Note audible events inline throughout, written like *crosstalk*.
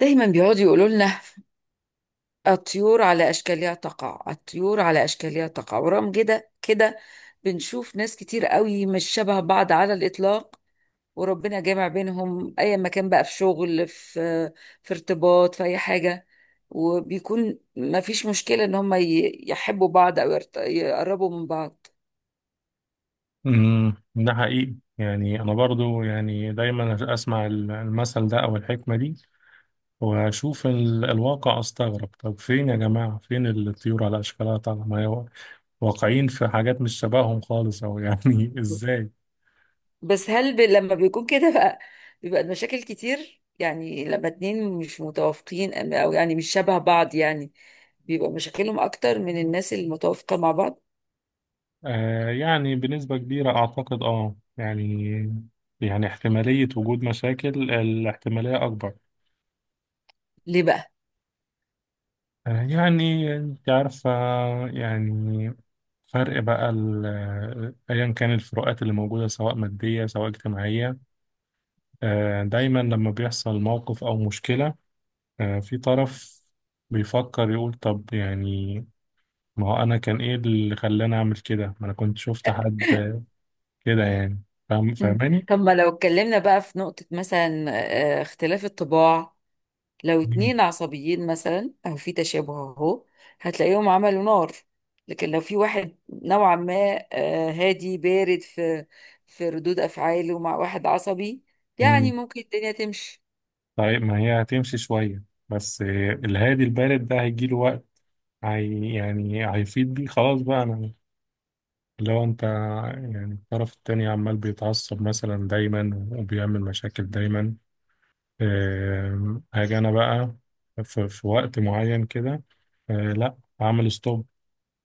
دايما بيقعدوا يقولوا لنا الطيور على اشكالها تقع الطيور على اشكالها تقع، ورغم كده كده بنشوف ناس كتير قوي مش شبه بعض على الاطلاق، وربنا جامع بينهم اي مكان، بقى في شغل، في ارتباط، في اي حاجه، وبيكون ما فيش مشكله ان هم يحبوا بعض او يقربوا من بعض. ده حقيقي. يعني انا برضو، يعني دايما اسمع المثل ده او الحكمه دي، واشوف الواقع استغرب. طب فين يا جماعه، فين الطيور على اشكالها؟ طالعه ما هي واقعين في حاجات مش شبههم خالص، او يعني *laughs* ازاي؟ بس هل لما بيكون كده بقى بيبقى المشاكل كتير، يعني لما اتنين مش متوافقين او يعني مش شبه بعض يعني بيبقى مشاكلهم اكتر من الناس المتوافقة مع بعض. آه، يعني بنسبه كبيره اعتقد، اه يعني، يعني احتماليه وجود مشاكل، الاحتماليه اكبر. ليه بقى؟ آه، يعني انت عارفة، يعني فرق بقى، ايا كان الفروقات اللي موجودة، سواء مادية سواء اجتماعية. آه، دايما لما بيحصل موقف او مشكلة، آه، في طرف بيفكر يقول طب يعني، ما هو انا كان ايه اللي خلاني اعمل كده؟ ما انا كنت شفت حد كده يعني. فاهم مم. فاهماني؟ طب ما لو اتكلمنا بقى في نقطة مثلا، اختلاف الطباع. لو مم. اتنين عصبيين مثلا او في تشابه اهو هتلاقيهم عملوا نار، لكن لو في واحد نوعا ما هادي بارد في في ردود افعاله مع واحد عصبي يعني مم. ممكن الدنيا تمشي. طيب ما هي هتمشي شوية، بس الهادي البارد ده هيجيله وقت. هي يعني هيفيد بيه خلاص بقى. انا لو انت، يعني الطرف التاني عمال بيتعصب مثلا دايما وبيعمل مشاكل دايما، هاجي انا بقى في وقت معين كده. آه، لا، هعمل ستوب.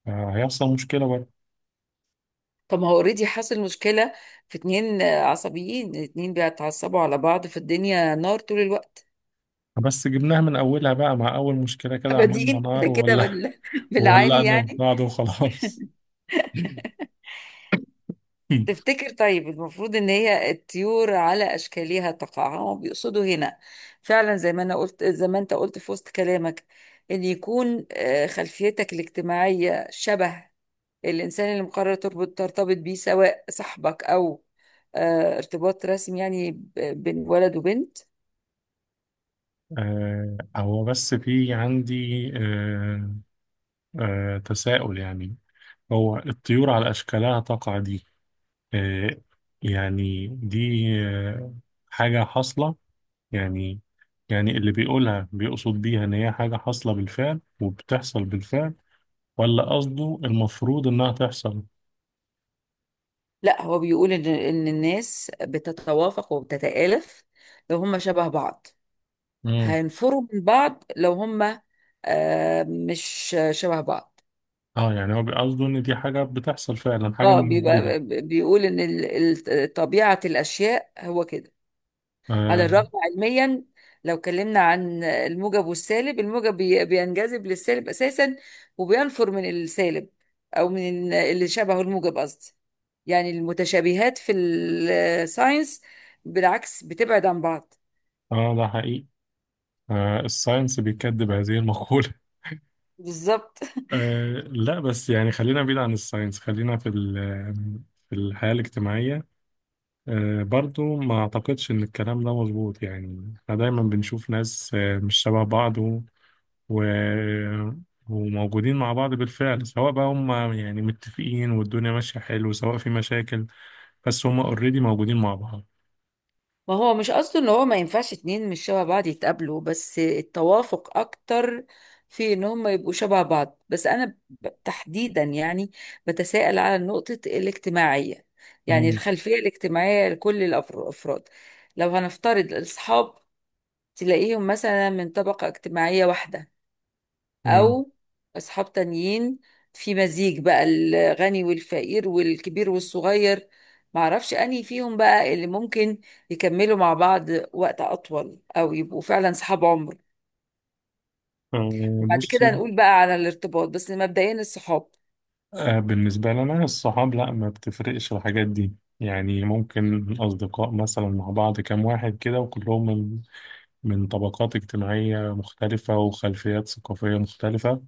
آه، هيحصل مشكلة بقى. طب ما هو اوريدي حصل مشكلة في اتنين عصبيين، اتنين بيتعصبوا على بعض، في الدنيا نار طول الوقت. بس جبناها من اولها بقى، مع اول مشكلة كده عملنا بادئين *laughs* كده نار كده وولع، بالعالي وولعنا في يعني. بعض وخلاص. *laughs* تفتكر طيب المفروض ان هي الطيور على اشكالها تقع هم بيقصدوا هنا فعلا زي ما انا قلت زي ما انت قلت في وسط كلامك، ان يكون خلفيتك الاجتماعية شبه الانسان اللي مقرر ترتبط بيه، سواء صاحبك او ارتباط رسمي يعني بين ولد وبنت. آه، هو بس في عندي آه، تساؤل يعني. هو الطيور على اشكالها تقع دي، آه، يعني دي حاجة حاصلة يعني. يعني اللي بيقولها بيقصد بيها إن هي حاجة حاصلة بالفعل وبتحصل بالفعل، ولا قصده المفروض إنها تحصل؟ لا، هو بيقول ان الناس بتتوافق وبتتآلف لو هم شبه بعض، مم. هينفروا من بعض لو هم مش شبه بعض. اه يعني هو قصده إن دي حاجة بتحصل فعلا، حاجة اه موجودة. بيبقى بيقول ان طبيعة الاشياء هو كده، على اه الرغم علميا لو اتكلمنا عن الموجب والسالب، الموجب بينجذب للسالب اساسا وبينفر من السالب، او من اللي شبهه الموجب قصدي. يعني المتشابهات في الساينس بالعكس بتبعد عن بعض. آه، ده حقيقي. آه الساينس بيكذب هذه المقولة. بالظبط. *laughs* آه لا، بس يعني خلينا بعيد عن الساينس، خلينا في الحياة الاجتماعية. آه، برضو ما أعتقدش إن الكلام ده مظبوط. يعني إحنا دايما بنشوف ناس مش شبه بعض، و... وموجودين مع بعض بالفعل، سواء بقى هم يعني متفقين والدنيا ماشية حلو، سواء في مشاكل، بس هم اوريدي موجودين مع بعض. ما هو مش قصده ان هو ما ينفعش اتنين مش شبه بعض يتقابلوا، بس التوافق اكتر في ان هم يبقوا شبه بعض. بس انا تحديدا يعني بتساءل على نقطة الاجتماعية، يعني مم. الخلفية الاجتماعية لكل الافراد. لو هنفترض الاصحاب تلاقيهم مثلا من طبقة اجتماعية واحدة، مم. او اصحاب تانيين في مزيج بقى الغني والفقير والكبير والصغير، معرفش انهي فيهم بقى اللي ممكن يكملوا مع بعض وقت اطول او يبقوا فعلا صحاب عمر. آه، وبعد كده بصي، هنقول بقى على الارتباط، بس مبدئيا الصحاب. آه، بالنسبة لنا الصحاب، لا ما بتفرقش الحاجات دي. يعني ممكن أصدقاء مثلا مع بعض كام واحد كده، وكلهم من من طبقات اجتماعية مختلفة وخلفيات ثقافية مختلفة،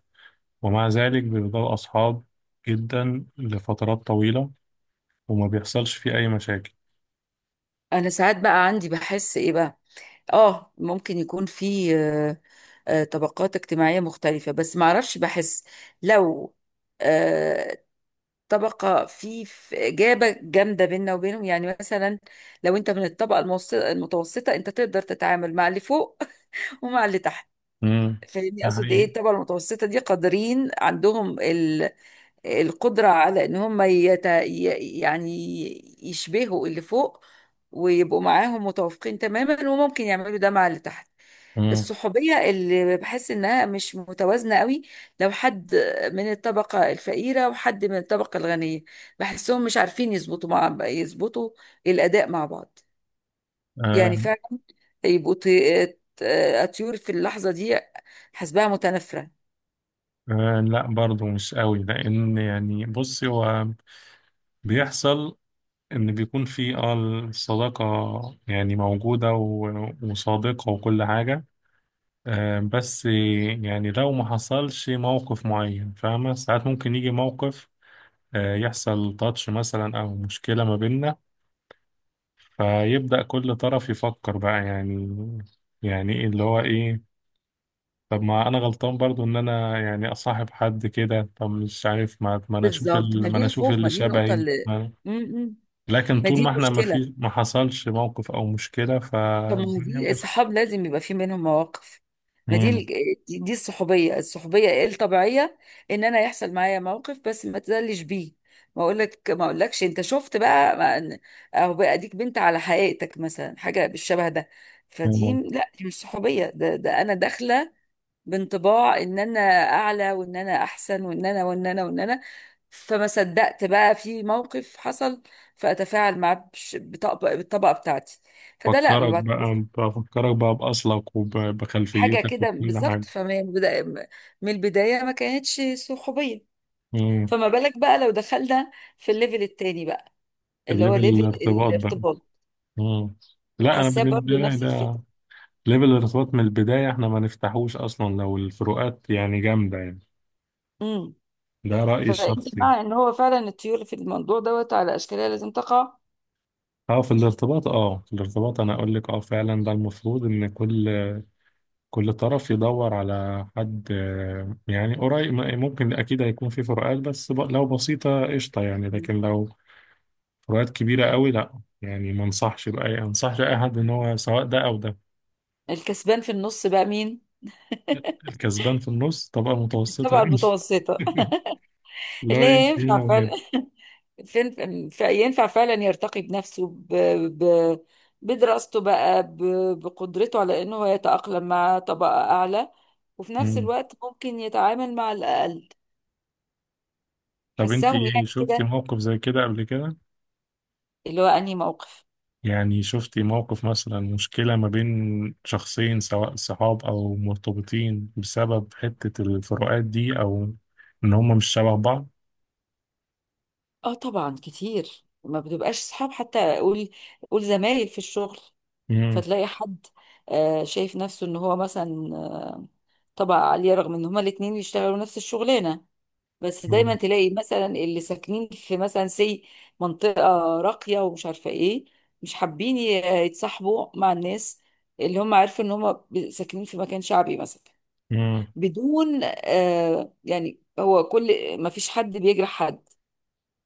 ومع ذلك بيفضلوا أصحاب جدا لفترات طويلة، وما بيحصلش فيه أي مشاكل. انا ساعات بقى عندي بحس ايه بقى، اه ممكن يكون في طبقات اجتماعية مختلفة بس معرفش بحس لو آه، طبقة في إجابة جامدة بيننا وبينهم يعني مثلا لو أنت من المتوسطة أنت تقدر تتعامل مع اللي فوق *laughs* ومع اللي تحت. امم. فاهمني ده أقصد إيه؟ حقيقي. الطبقة المتوسطة دي قادرين، عندهم القدرة على إن هم يعني يشبهوا اللي فوق ويبقوا معاهم متوافقين تماما، وممكن يعملوا ده مع اللي تحت. امم. الصحوبية اللي بحس إنها مش متوازنة قوي لو حد من الطبقة الفقيرة وحد من الطبقة الغنية، بحسهم مش عارفين يظبطوا يظبطوا الأداء مع بعض. يعني آه. فعلا يبقوا طيور في اللحظة دي حسبها متنافرة. آه لا، برضه مش قوي، لأن يعني بصي، هو بيحصل إن بيكون في الصداقة يعني موجودة وصادقة وكل حاجة. آه، بس يعني لو ما حصلش موقف معين، فاهمة، ساعات ممكن يجي موقف، آه يحصل تاتش مثلا أو مشكلة ما بيننا، فيبدأ كل طرف يفكر بقى يعني ايه اللي هو ايه. طب ما انا غلطان برضو ان انا يعني اصاحب حد كده؟ طب مش عارف، ما انا اشوف بالظبط، ما دي الخوف، اللي ما دي النقطة شبهي اللي م- م. لكن ما طول دي ما احنا ما المشكلة. في، ما حصلش موقف او مشكلة، طب ما فالدنيا دي ماشية. الصحاب لازم يبقى في منهم مواقف، ما دي مم. دي الصحوبية، الصحوبية إيه الطبيعية، ان انا يحصل معايا موقف بس ما تزلش بيه، ما اقولك ما اقولكش انت شفت بقى اهو بقى اديك بنت على حقيقتك مثلا حاجة بالشبه ده. فدي مم. لا، دي مش صحوبية، ده انا داخلة بانطباع ان انا اعلى وان انا احسن وان انا، فما صدقت بقى في موقف حصل فاتفاعل معاه بالطبقه بتاعتي. فده لا، ما فكرك بقى، بعتبرش بفكرك بقى، بأصلك حاجه. وبخلفيتك كده وكل حاجة. بالظبط، من البدايه ما كانتش صحوبيه. مم. فما بالك بقى لو دخلنا في الليفل التاني بقى اللي هو الليفل ليفل الارتباط بقى. الارتباط؟ مم. لا انا حاساه بالنسبة برضه لي، نفس ده الفكره. ليفل الارتباط من البداية احنا ما نفتحوش اصلا لو الفروقات يعني جامدة يعني. امم. ده رأيي فانت الشخصي. مع ان هو فعلا الطيور في الموضوع دوت على اشكالها لازم تقع. اه في الارتباط، انا اقول لك، اه فعلا ده المفروض ان كل طرف يدور على حد يعني قريب. ممكن اكيد هيكون في فروقات، بس لو بسيطة قشطة يعني، لكن لو فروقات كبيرة قوي لا، يعني ما انصحش بأي انصحش اي حد ان مم. هو سواء ده او ده. الكسبان في النص بقى مين؟ الكسبان في النص طبقة متوسطة طبعا يعني. المتوسطة. *laughs* *laughs* اللي لا، هي يمشي ينفع هنا فعلا *laughs* ينفع فعلا يرتقي بنفسه ب... بدراسته بقى بقدرته على انه هو يتأقلم مع طبقة اعلى، وفي نفس وهنا. الوقت ممكن يتعامل مع الاقل. طب انت حساهم ايه، يعني شفتي كده. موقف زي كده قبل كده؟ اللي هو انهي موقف؟ يعني شفتي موقف مثلا مشكلة ما بين شخصين سواء صحاب او مرتبطين بسبب حتة الفروقات دي او ان هما مش شبه بعض؟ اه طبعا كتير، ما بتبقاش صحاب، حتى اقول قول زمايل في الشغل، امم. فتلاقي حد شايف نفسه ان هو مثلا طبقة عالية رغم ان هما الاتنين بيشتغلوا نفس الشغلانة، بس دايما تلاقي مثلا اللي ساكنين في مثلا منطقة راقية ومش عارفة ايه، مش حابين يتصاحبوا مع الناس اللي هم عارفين ان هم ساكنين في مكان شعبي مثلا. امم. بدون آه يعني، هو كل ما فيش حد بيجرح حد،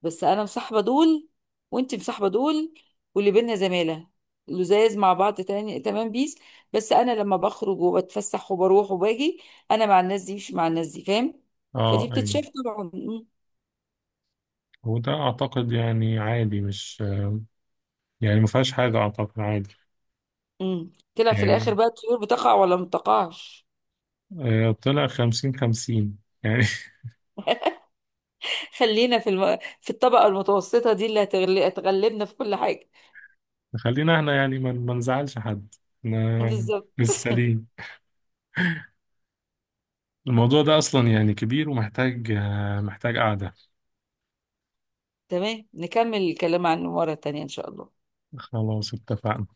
بس انا مصاحبه دول وانت مصاحبه دول، واللي بينا زماله لزاز مع بعض تاني تمام بيس، بس انا لما بخرج وبتفسح وبروح وباجي انا مع الناس دي مش مع الناس دي، فاهم؟ فدي اه ايوه. بتتشاف طبعا. مم. وده اعتقد يعني عادي، مش يعني ما فيهاش حاجة، اعتقد عادي. مم. طلع في يعني الاخر بقى الطيور بتقع ولا ما بتقعش؟ آه، طلع 50/50 يعني. *laughs* خلينا في الطبقه المتوسطه دي اللي هتغلبنا في كل حاجه. *laughs* خلينا احنا يعني ما نزعلش حد. احنا بالظبط. لسه ليه، الموضوع ده أصلا يعني كبير ومحتاج آه، محتاج قعدة. تمام، نكمل الكلام عن مره تانية ان شاء الله. خلاص، اتفقنا.